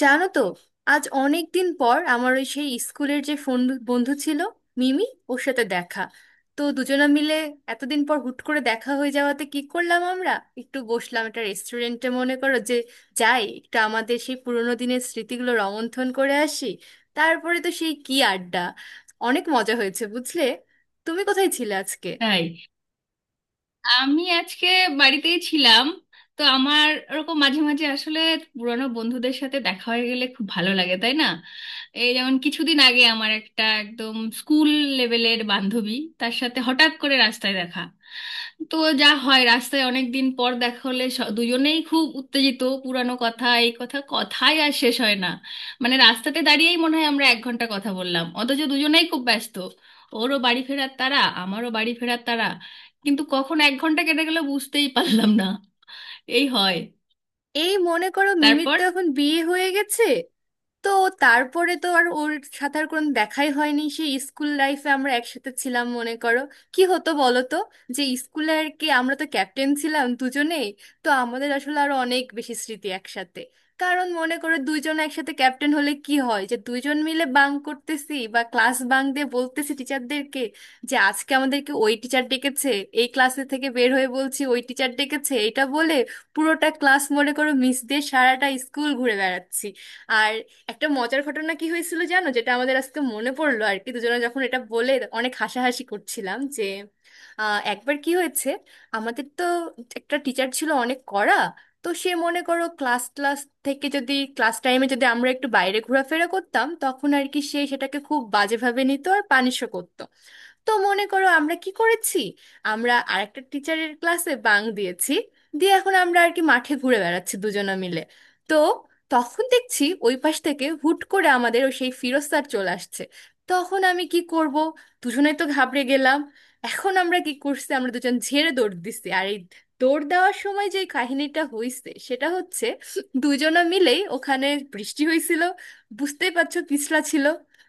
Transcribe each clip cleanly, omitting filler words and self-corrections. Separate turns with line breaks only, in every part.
জানো তো? আজ অনেক দিন পর আমার ওই সেই স্কুলের যে ফোন বন্ধু ছিল, মিমি, ওর সাথে দেখা। তো দুজনা মিলে এতদিন পর হুট করে দেখা হয়ে যাওয়াতে কি করলাম আমরা, একটু বসলাম একটা রেস্টুরেন্টে, মনে করো, যে যাই একটু আমাদের সেই পুরোনো দিনের স্মৃতিগুলো রোমন্থন করে আসি। তারপরে তো সেই কি আড্ডা! অনেক মজা হয়েছে, বুঝলে। তুমি কোথায় ছিলে আজকে?
তাই আমি আজকে বাড়িতেই ছিলাম। তো আমার ওরকম মাঝে মাঝে আসলে পুরানো বন্ধুদের সাথে দেখা হয়ে গেলে খুব ভালো লাগে, তাই না? এই যেমন কিছুদিন আগে আমার একটা একদম স্কুল লেভেলের বান্ধবী, তার সাথে হঠাৎ করে রাস্তায় দেখা। তো যা হয়, রাস্তায় অনেক দিন পর দেখা হলে দুজনেই খুব উত্তেজিত, পুরানো কথা, এই কথা, কথাই আর শেষ হয় না। মানে রাস্তাতে দাঁড়িয়েই মনে হয় আমরা এক ঘন্টা কথা বললাম, অথচ দুজনেই খুব ব্যস্ত। ওরও বাড়ি ফেরার তাড়া, আমারও বাড়ি ফেরার তাড়া, কিন্তু কখন এক ঘন্টা কেটে গেল বুঝতেই পারলাম না। এই হয়।
এই মনে করো, মিমির
তারপর
তো এখন বিয়ে হয়ে গেছে। তো তারপরে তো আর ওর সাথে আর কোনো দেখাই হয়নি, সেই স্কুল লাইফে আমরা একসাথে ছিলাম, মনে করো। কি হতো বলো তো, যে স্কুলে আর কি, আমরা তো ক্যাপ্টেন ছিলাম দুজনেই। তো আমাদের আসলে আরো অনেক বেশি স্মৃতি একসাথে। কারণ মনে করো, দুইজন একসাথে ক্যাপ্টেন হলে কি হয়, যে দুইজন মিলে বাঙ্ক করতেছি বা ক্লাস বাঙ্ক দিয়ে বলতেছি টিচারদেরকে যে আজকে আমাদেরকে ওই টিচার ডেকেছে। এই ক্লাসে থেকে বের হয়ে বলছি ওই টিচার ডেকেছে এটা বলে, পুরোটা ক্লাস মনে করো মিস দিয়ে সারাটা স্কুল ঘুরে বেড়াচ্ছি। আর একটা মজার ঘটনা কি হয়েছিল জানো, যেটা আমাদের আজকে মনে পড়লো আর কি দুজনে যখন এটা বলে অনেক হাসাহাসি করছিলাম, যে একবার কি হয়েছে, আমাদের তো একটা টিচার ছিল অনেক কড়া। তো সে মনে করো ক্লাস ক্লাস থেকে, যদি ক্লাস টাইমে যদি আমরা একটু বাইরে ঘোরাফেরা করতাম, তখন আর কি সে সেটাকে খুব বাজেভাবে নিত আর পানিশও করতো। তো মনে করো আমরা কি করেছি, আমরা আরেকটা টিচারের ক্লাসে বাং দিয়েছি, দিয়ে এখন আমরা আর কি মাঠে ঘুরে বেড়াচ্ছি দুজনে মিলে। তো তখন দেখছি ওই পাশ থেকে হুট করে আমাদের ও সেই ফিরোজ স্যার চলে আসছে। তখন আমি কি করব! দুজনেই তো ঘাবড়ে গেলাম। এখন আমরা কি করছি, আমরা দুজন ঝেড়ে দৌড় দিচ্ছি, আর এই দৌড় দেওয়ার সময় যে কাহিনীটা হয়েছে সেটা হচ্ছে দুজনে মিলেই ওখানে বৃষ্টি হয়েছিল, বুঝতেই পারছো পিছলা ছিল,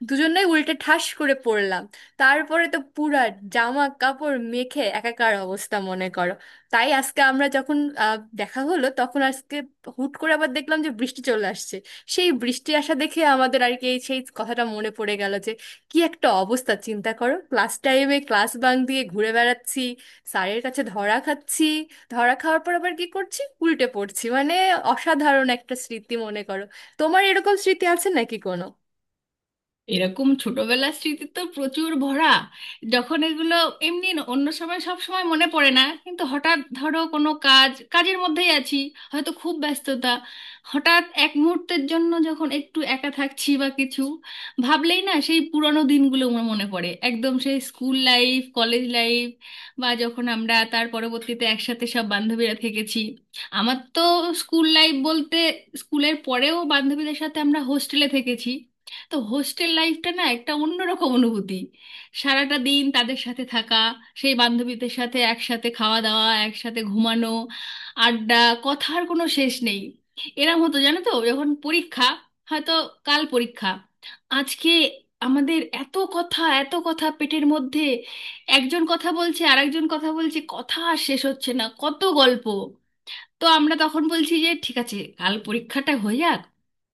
দুজনেই উল্টে ঠাস করে পড়লাম। তারপরে তো পুরা জামা কাপড় মেখে একাকার অবস্থা, মনে করো। তাই আজকে আমরা যখন দেখা হলো, তখন আজকে হুট করে আবার দেখলাম যে বৃষ্টি চলে আসছে। সেই বৃষ্টি আসা দেখে আমাদের আর কি এই সেই কথাটা মনে পড়ে গেল, যে কি একটা অবস্থা চিন্তা করো, ক্লাস টাইমে ক্লাস বাঙ্ক দিয়ে ঘুরে বেড়াচ্ছি, স্যারের কাছে ধরা খাচ্ছি, ধরা খাওয়ার পর আবার কি করছি, উল্টে পড়ছি মানে। অসাধারণ একটা স্মৃতি, মনে করো। তোমার এরকম স্মৃতি আছে নাকি কোনো?
এরকম ছোটবেলার স্মৃতি তো প্রচুর ভরা। যখন এগুলো এমনি অন্য সময় সব সময় মনে পড়ে না, কিন্তু হঠাৎ ধরো কোনো কাজ, কাজের মধ্যেই আছি, হয়তো খুব ব্যস্ততা, হঠাৎ এক মুহূর্তের জন্য যখন একটু একা থাকছি বা কিছু ভাবলেই না সেই পুরনো দিনগুলো আমার মনে পড়ে, একদম সেই স্কুল লাইফ, কলেজ লাইফ, বা যখন আমরা তার পরবর্তীতে একসাথে সব বান্ধবীরা থেকেছি। আমার তো স্কুল লাইফ বলতে, স্কুলের পরেও বান্ধবীদের সাথে আমরা হোস্টেলে থেকেছি। তো হোস্টেল লাইফটা না একটা অন্যরকম অনুভূতি। সারাটা দিন তাদের সাথে থাকা, সেই বান্ধবীদের সাথে একসাথে খাওয়া দাওয়া, একসাথে ঘুমানো, আড্ডা, কথার কোনো শেষ নেই। এরম হতো জানো তো, যখন পরীক্ষা, হয়তো কাল পরীক্ষা আজকে, আমাদের এত কথা, এত কথা পেটের মধ্যে, একজন কথা বলছে আরেকজন কথা বলছে, কথা আর শেষ হচ্ছে না, কত গল্প। তো আমরা তখন বলছি যে ঠিক আছে কাল পরীক্ষাটা হয়ে যাক,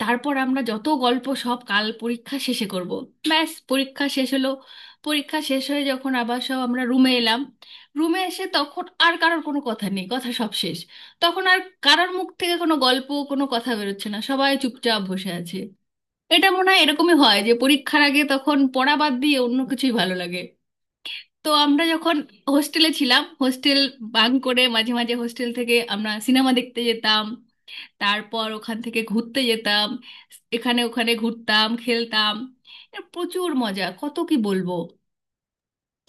তারপর আমরা যত গল্প সব কাল পরীক্ষা শেষে করব। ব্যাস, পরীক্ষা শেষ হলো। পরীক্ষা শেষ হয়ে যখন আবার সব আমরা রুমে এলাম, রুমে এসে তখন আর কারোর কোনো কথা নেই, কথা সব শেষ। তখন আর কারোর মুখ থেকে কোনো গল্প, কোনো কথা বেরোচ্ছে না, সবাই চুপচাপ বসে আছে। এটা মনে হয় এরকমই হয়, যে পরীক্ষার আগে তখন পড়া বাদ দিয়ে অন্য কিছুই ভালো লাগে। তো আমরা যখন হোস্টেলে ছিলাম, হোস্টেল বাঙ্ক করে মাঝে মাঝে হোস্টেল থেকে আমরা সিনেমা দেখতে যেতাম, তারপর ওখান থেকে ঘুরতে যেতাম, এখানে ওখানে ঘুরতাম, খেলতাম। এর প্রচুর মজা, কত কি বলবো।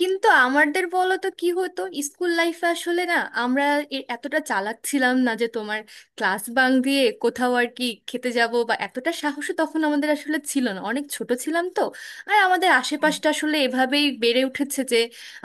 কিন্তু আমাদের বলো তো কি হতো, স্কুল লাইফে আসলে না, আমরা এতটা চালাক ছিলাম না যে তোমার ক্লাস বাং দিয়ে কোথাও আর কি খেতে যাব, বা এতটা সাহস তখন আমাদের আসলে ছিল না, অনেক ছোট ছিলাম তো। আর আমাদের আশেপাশটা আসলে এভাবেই বেড়ে উঠেছে যে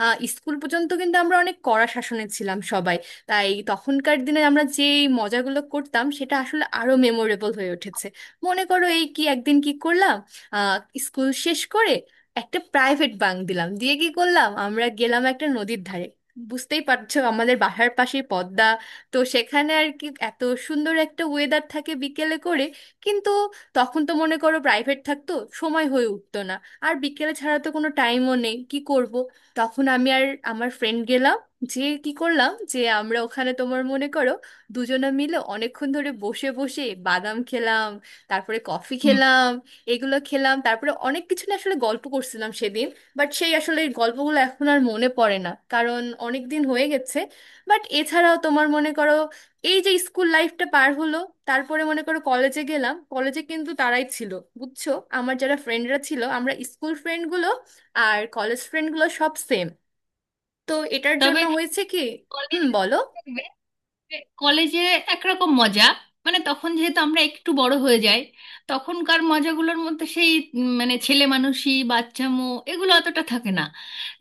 স্কুল পর্যন্ত কিন্তু আমরা অনেক কড়া শাসনে ছিলাম সবাই। তাই তখনকার দিনে আমরা যে মজাগুলো করতাম সেটা আসলে আরো মেমোরেবল হয়ে উঠেছে। মনে করো এই কি, একদিন কি করলাম, আহ, স্কুল শেষ করে একটা প্রাইভেট বাঙ্ক দিলাম, দিয়ে কি করলাম, আমরা গেলাম একটা নদীর ধারে। বুঝতেই পারছো আমাদের বাসার পাশে পদ্মা। তো সেখানে আর কি এত সুন্দর একটা ওয়েদার থাকে বিকেলে করে। কিন্তু তখন তো মনে করো প্রাইভেট থাকতো, সময় হয়ে উঠতো না, আর বিকেলে ছাড়া তো কোনো টাইমও নেই, কি করব। তখন আমি আর আমার ফ্রেন্ড গেলাম। যে কি করলাম, যে আমরা ওখানে তোমার মনে করো দুজনে মিলে অনেকক্ষণ ধরে বসে বসে বাদাম খেলাম, তারপরে কফি
হুম।
খেলাম, এগুলো খেলাম, তারপরে অনেক কিছু না আসলে গল্প করছিলাম সেদিন। বাট সেই আসলে গল্পগুলো এখন আর মনে পড়ে না, কারণ অনেক দিন হয়ে গেছে। বাট এছাড়াও তোমার মনে করো, এই যে স্কুল লাইফটা পার হলো তারপরে মনে করো কলেজে গেলাম, কলেজে কিন্তু তারাই ছিল, বুঝছো, আমার যারা ফ্রেন্ডরা ছিল, আমরা স্কুল ফ্রেন্ডগুলো আর কলেজ ফ্রেন্ডগুলো সব সেম। তো এটার
তবে
জন্য হয়েছে কি, হুম
কলেজ,
বলো।
কলেজে একরকম মজা, মানে তখন যেহেতু আমরা একটু বড় হয়ে যাই, তখনকার মজাগুলোর মধ্যে সেই মানে ছেলে মানুষি বাচ্চামো এগুলো অতটা থাকে না,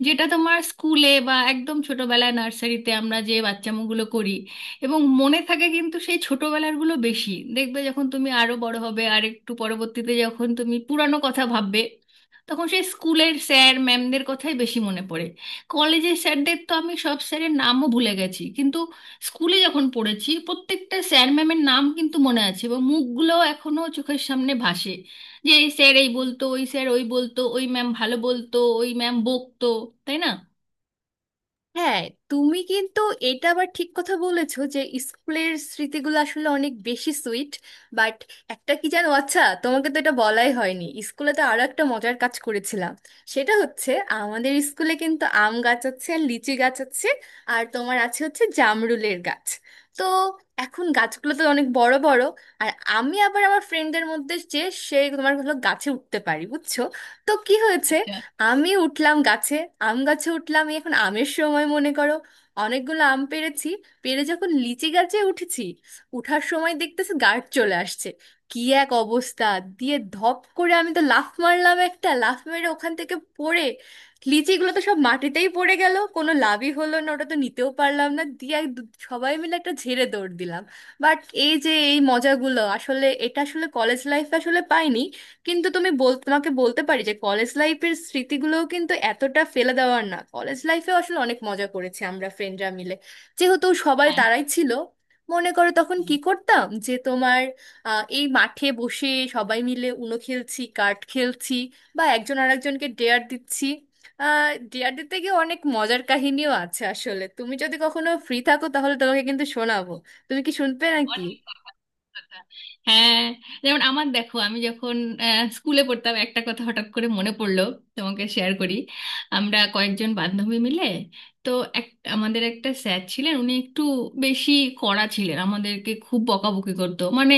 যেটা তোমার স্কুলে বা একদম ছোটবেলায় নার্সারিতে আমরা যে বাচ্চামোগুলো করি এবং মনে থাকে। কিন্তু সেই ছোটবেলারগুলো বেশি দেখবে যখন তুমি আরো বড় হবে আর একটু পরবর্তীতে যখন তুমি পুরানো কথা ভাববে, তখন সেই স্কুলের স্যার ম্যামদের কথাই বেশি মনে পড়ে। কলেজের স্যারদের তো আমি সব স্যারের নামও ভুলে গেছি, কিন্তু স্কুলে যখন পড়েছি প্রত্যেকটা স্যার ম্যামের নাম কিন্তু মনে আছে, এবং মুখগুলো এখনো চোখের সামনে ভাসে, যে এই স্যার এই বলতো, ওই স্যার ওই বলতো, ওই ম্যাম ভালো বলতো, ওই ম্যাম বকতো, তাই না?
হ্যাঁ। তুমি কিন্তু এটা আবার ঠিক কথা বলেছো যে স্কুলের স্মৃতিগুলো আসলে অনেক বেশি সুইট। বাট একটা কি জানো, আচ্ছা তোমাকে তো এটা বলাই হয়নি, স্কুলে তো আরো একটা মজার কাজ করেছিলাম, সেটা হচ্ছে আমাদের স্কুলে কিন্তু আম গাছ আছে, আর লিচি গাছ আছে, আর তোমার আছে হচ্ছে জামরুলের গাছ। তো এখন গাছগুলো তো অনেক বড় বড়। আর আমি আবার আমার ফ্রেন্ডদের মধ্যে যে সে তোমার হলো গাছে উঠতে পারি, বুঝছো। তো কি হয়েছে,
আচ্ছা।
আমি উঠলাম গাছে, আম গাছে উঠলাম এই, এখন আমের সময় মনে করো, অনেকগুলো আম পেড়েছি, পেড়ে যখন লিচি গাছে উঠেছি, উঠার সময় দেখতেছি গার্ড চলে আসছে। কি এক অবস্থা! দিয়ে ধপ করে আমি তো লাফ মারলাম একটা, লাফ মেরে ওখান থেকে পড়ে লিচিগুলো তো সব মাটিতেই পড়ে গেল, কোনো লাভই হলো না, ওটা তো নিতেও পারলাম না, দিয়ে এক সবাই মিলে একটা ঝেড়ে দৌড় দিলাম। বাট এই যে এই মজাগুলো আসলে, এটা আসলে কলেজ লাইফে আসলে পাইনি। কিন্তু তুমি বল, তোমাকে বলতে পারি যে কলেজ লাইফের স্মৃতিগুলোও কিন্তু এতটা ফেলে দেওয়ার না, কলেজ লাইফে আসলে অনেক মজা করেছি আমরা ফ্রেন্ডরা মিলে, যেহেতু সবাই
হ্যাঁ।
তারাই ছিল। মনে করো তখন কি করতাম, যে তোমার এই মাঠে বসে সবাই মিলে উনো খেলছি, কার্ড খেলছি, বা একজন আরেকজনকে ডেয়ার দিচ্ছি। ডেয়ার দিতে গিয়ে অনেক মজার কাহিনীও আছে আসলে, তুমি যদি কখনো ফ্রি থাকো তাহলে তোমাকে কিন্তু শোনাবো। তুমি কি শুনবে নাকি?
অনেক কথা। হ্যাঁ, যেমন আমার দেখো, আমি যখন স্কুলে পড়তাম, একটা কথা হঠাৎ করে মনে পড়লো, তোমাকে শেয়ার করি। আমরা কয়েকজন বান্ধবী মিলে, তো এক, আমাদের একটা স্যার ছিলেন, উনি একটু বেশি কড়া ছিলেন, আমাদেরকে খুব বকাবকি করতো, মানে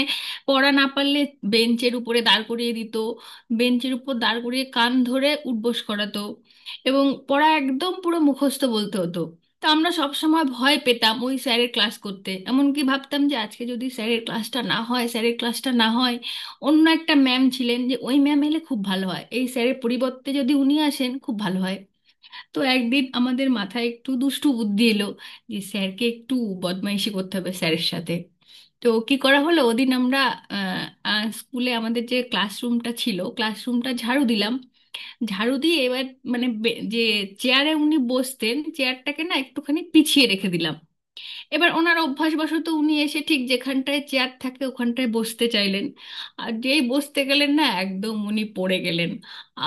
পড়া না পারলে বেঞ্চের উপরে দাঁড় করিয়ে দিত, বেঞ্চের উপর দাঁড় করিয়ে কান ধরে উঠবোস করাতো, এবং পড়া একদম পুরো মুখস্থ বলতে হতো। তো আমরা সব সময় ভয় পেতাম ওই স্যারের ক্লাস করতে, এমনকি ভাবতাম যে আজকে যদি স্যারের ক্লাসটা না হয়, অন্য একটা ম্যাম ছিলেন, যে ওই ম্যাম এলে খুব ভালো হয়, এই স্যারের পরিবর্তে যদি উনি আসেন খুব ভালো হয়। তো একদিন আমাদের মাথায় একটু দুষ্টু বুদ্ধি এলো, যে স্যারকে একটু বদমাইশি করতে হবে, স্যারের সাথে। তো কি করা হলো, ওদিন আমরা আহ, আহ, স্কুলে আমাদের যে ক্লাসরুমটা ছিল ক্লাসরুমটা ঝাড়ু দিলাম, ঝাড়ু দিয়ে এবার মানে যে চেয়ারে উনি বসতেন চেয়ারটাকে না একটুখানি পিছিয়ে রেখে দিলাম। এবার ওনার অভ্যাসবশত উনি এসে ঠিক যেখানটায় চেয়ার থাকে ওখানটায় বসতে চাইলেন, আর যেই বসতে গেলেন না একদম উনি পড়ে গেলেন।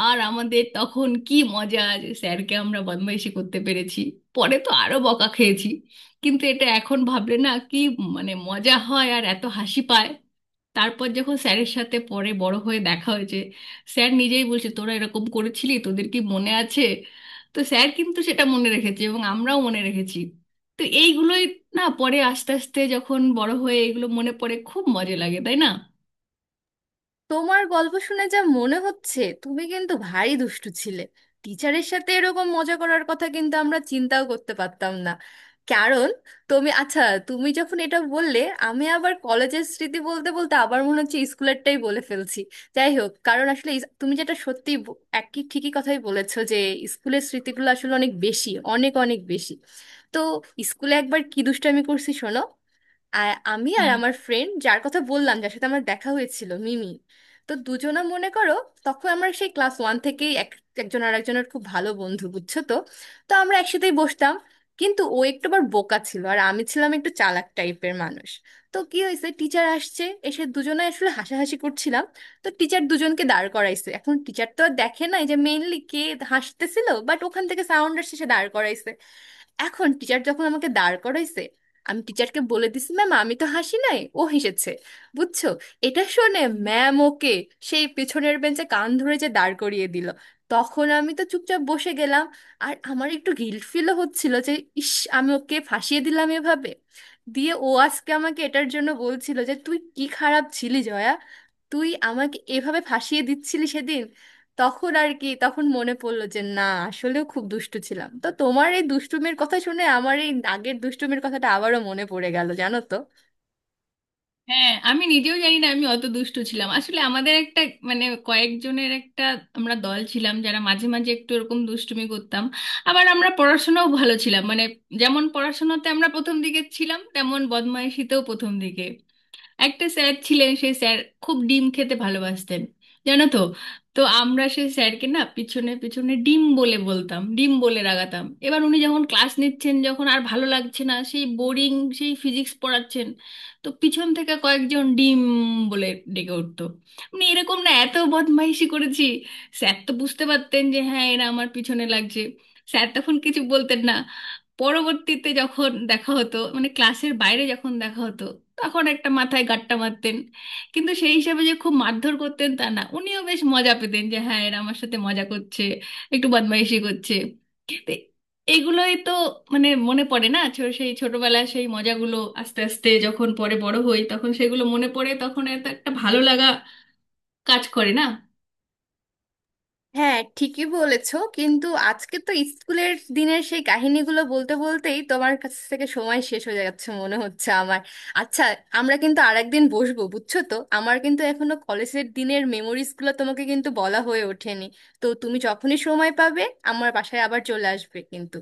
আর আমাদের তখন কি মজা, যে স্যারকে আমরা বদমাইশি করতে পেরেছি। পরে তো আরো বকা খেয়েছি, কিন্তু এটা এখন ভাবলে না কি মানে মজা হয় আর এত হাসি পায়। তারপর যখন স্যারের সাথে পরে বড় হয়ে দেখা হয়েছে, স্যার নিজেই বলছে তোরা এরকম করেছিলি, তোদের কি মনে আছে? তো স্যার কিন্তু সেটা মনে রেখেছে এবং আমরাও মনে রেখেছি। তো এইগুলোই না, পরে আস্তে আস্তে যখন বড় হয়ে এগুলো মনে পড়ে খুব মজা লাগে, তাই না?
তোমার গল্প শুনে যা মনে হচ্ছে তুমি কিন্তু ভারী দুষ্টু ছিলে। টিচারের সাথে এরকম মজা করার কথা কিন্তু আমরা চিন্তাও করতে পারতাম না, কারণ তুমি, আচ্ছা, তুমি যখন এটা বললে আমি আবার কলেজের স্মৃতি বলতে বলতে আবার মনে হচ্ছে স্কুলেরটাই বলে ফেলছি। যাই হোক, কারণ আসলে তুমি যেটা সত্যি একই ঠিকই কথাই বলেছো যে স্কুলের স্মৃতিগুলো আসলে অনেক বেশি, অনেক অনেক বেশি। তো স্কুলে একবার কি দুষ্টামি করছি শোনো। আর আমি, আর
হ্যাঁ।
আমার ফ্রেন্ড যার কথা বললাম, যার সাথে আমার দেখা হয়েছিল, মিমি। তো দুজনা মনে করো, তখন আমরা সেই ক্লাস ওয়ান থেকেই একজন আর একজনের খুব ভালো বন্ধু, বুঝছো তো। তো আমরা একসাথেই বসতাম, কিন্তু ও একটু আবার বোকা ছিল আর আমি ছিলাম একটু চালাক টাইপের মানুষ। তো কি হয়েছে, টিচার আসছে, এসে দুজনে আসলে হাসাহাসি করছিলাম। তো টিচার দুজনকে দাঁড় করাইছে, এখন টিচার তো আর দেখে নাই যে মেইনলি কে হাসতেছিল, বাট ওখান থেকে সাউন্ড আসছে সে দাঁড় করাইছে। এখন টিচার যখন আমাকে দাঁড় করাইছে, আমি টিচারকে বলে দিছি, ম্যাম আমি তো হাসি নাই, ও হেসেছে, বুঝছো। এটা শুনে ম্যাম ওকে সেই পেছনের বেঞ্চে কান ধরে যে দাঁড় করিয়ে দিল, তখন আমি তো চুপচাপ বসে গেলাম। আর আমার একটু গিল্ট ফিলও হচ্ছিল যে ইস, আমি ওকে ফাঁসিয়ে দিলাম এভাবে। দিয়ে ও আজকে আমাকে এটার জন্য বলছিল যে তুই কি খারাপ ছিলি জয়া, তুই আমাকে এভাবে ফাঁসিয়ে দিচ্ছিলি সেদিন। তখন আর কি, তখন মনে পড়লো যে না, আসলেও খুব দুষ্টু ছিলাম। তো তোমার এই দুষ্টুমির কথা শুনে আমার এই আগের দুষ্টুমির কথাটা আবারও মনে পড়ে গেল, জানো তো।
হ্যাঁ আমি নিজেও জানি না আমি অত দুষ্টু ছিলাম। আসলে আমাদের একটা, মানে কয়েকজনের একটা, আমরা দল ছিলাম, যারা মাঝে মাঝে একটু এরকম দুষ্টুমি করতাম। আবার আমরা পড়াশোনাও ভালো ছিলাম, মানে যেমন পড়াশোনাতে আমরা প্রথম দিকে ছিলাম, তেমন বদমাইশিতেও প্রথম দিকে। একটা স্যার ছিলেন, সেই স্যার খুব ডিম খেতে ভালোবাসতেন, জানো তো। তো আমরা সেই স্যারকে না পিছনে পিছনে ডিম বলে বলতাম, ডিম বলে রাগাতাম। এবার উনি যখন ক্লাস নিচ্ছেন, যখন আর ভালো লাগছে না, সেই বোরিং সেই ফিজিক্স পড়াচ্ছেন, তো পিছন থেকে কয়েকজন ডিম বলে ডেকে উঠতো। মানে এরকম না এত বদমাইশি করেছি। স্যার তো বুঝতে পারতেন যে হ্যাঁ এরা আমার পিছনে লাগছে, স্যার তখন কিছু বলতেন না। পরবর্তীতে যখন দেখা হতো, মানে ক্লাসের বাইরে যখন দেখা হতো, তখন একটা মাথায় গাট্টা মারতেন। কিন্তু সেই হিসাবে যে খুব মারধর করতেন তা না, উনিও বেশ মজা পেতেন যে হ্যাঁ এরা আমার সাথে মজা করছে, একটু বদমাইশি করছে। তো এগুলোই তো, মানে মনে পড়ে না সেই ছোটবেলার সেই মজাগুলো আস্তে আস্তে যখন পরে বড় হই তখন সেগুলো মনে পড়ে, তখন এত একটা ভালো লাগা কাজ করে না।
হ্যাঁ ঠিকই বলেছো, কিন্তু আজকে তো স্কুলের দিনের সেই কাহিনীগুলো বলতে বলতেই তোমার কাছ থেকে সময় শেষ হয়ে যাচ্ছে মনে হচ্ছে আমার। আচ্ছা, আমরা কিন্তু আরেকদিন বসবো, বুঝছো তো, আমার কিন্তু এখনো কলেজের দিনের মেমোরিজগুলো তোমাকে কিন্তু বলা হয়ে ওঠেনি। তো তুমি যখনই সময় পাবে আমার বাসায় আবার চলে আসবে কিন্তু।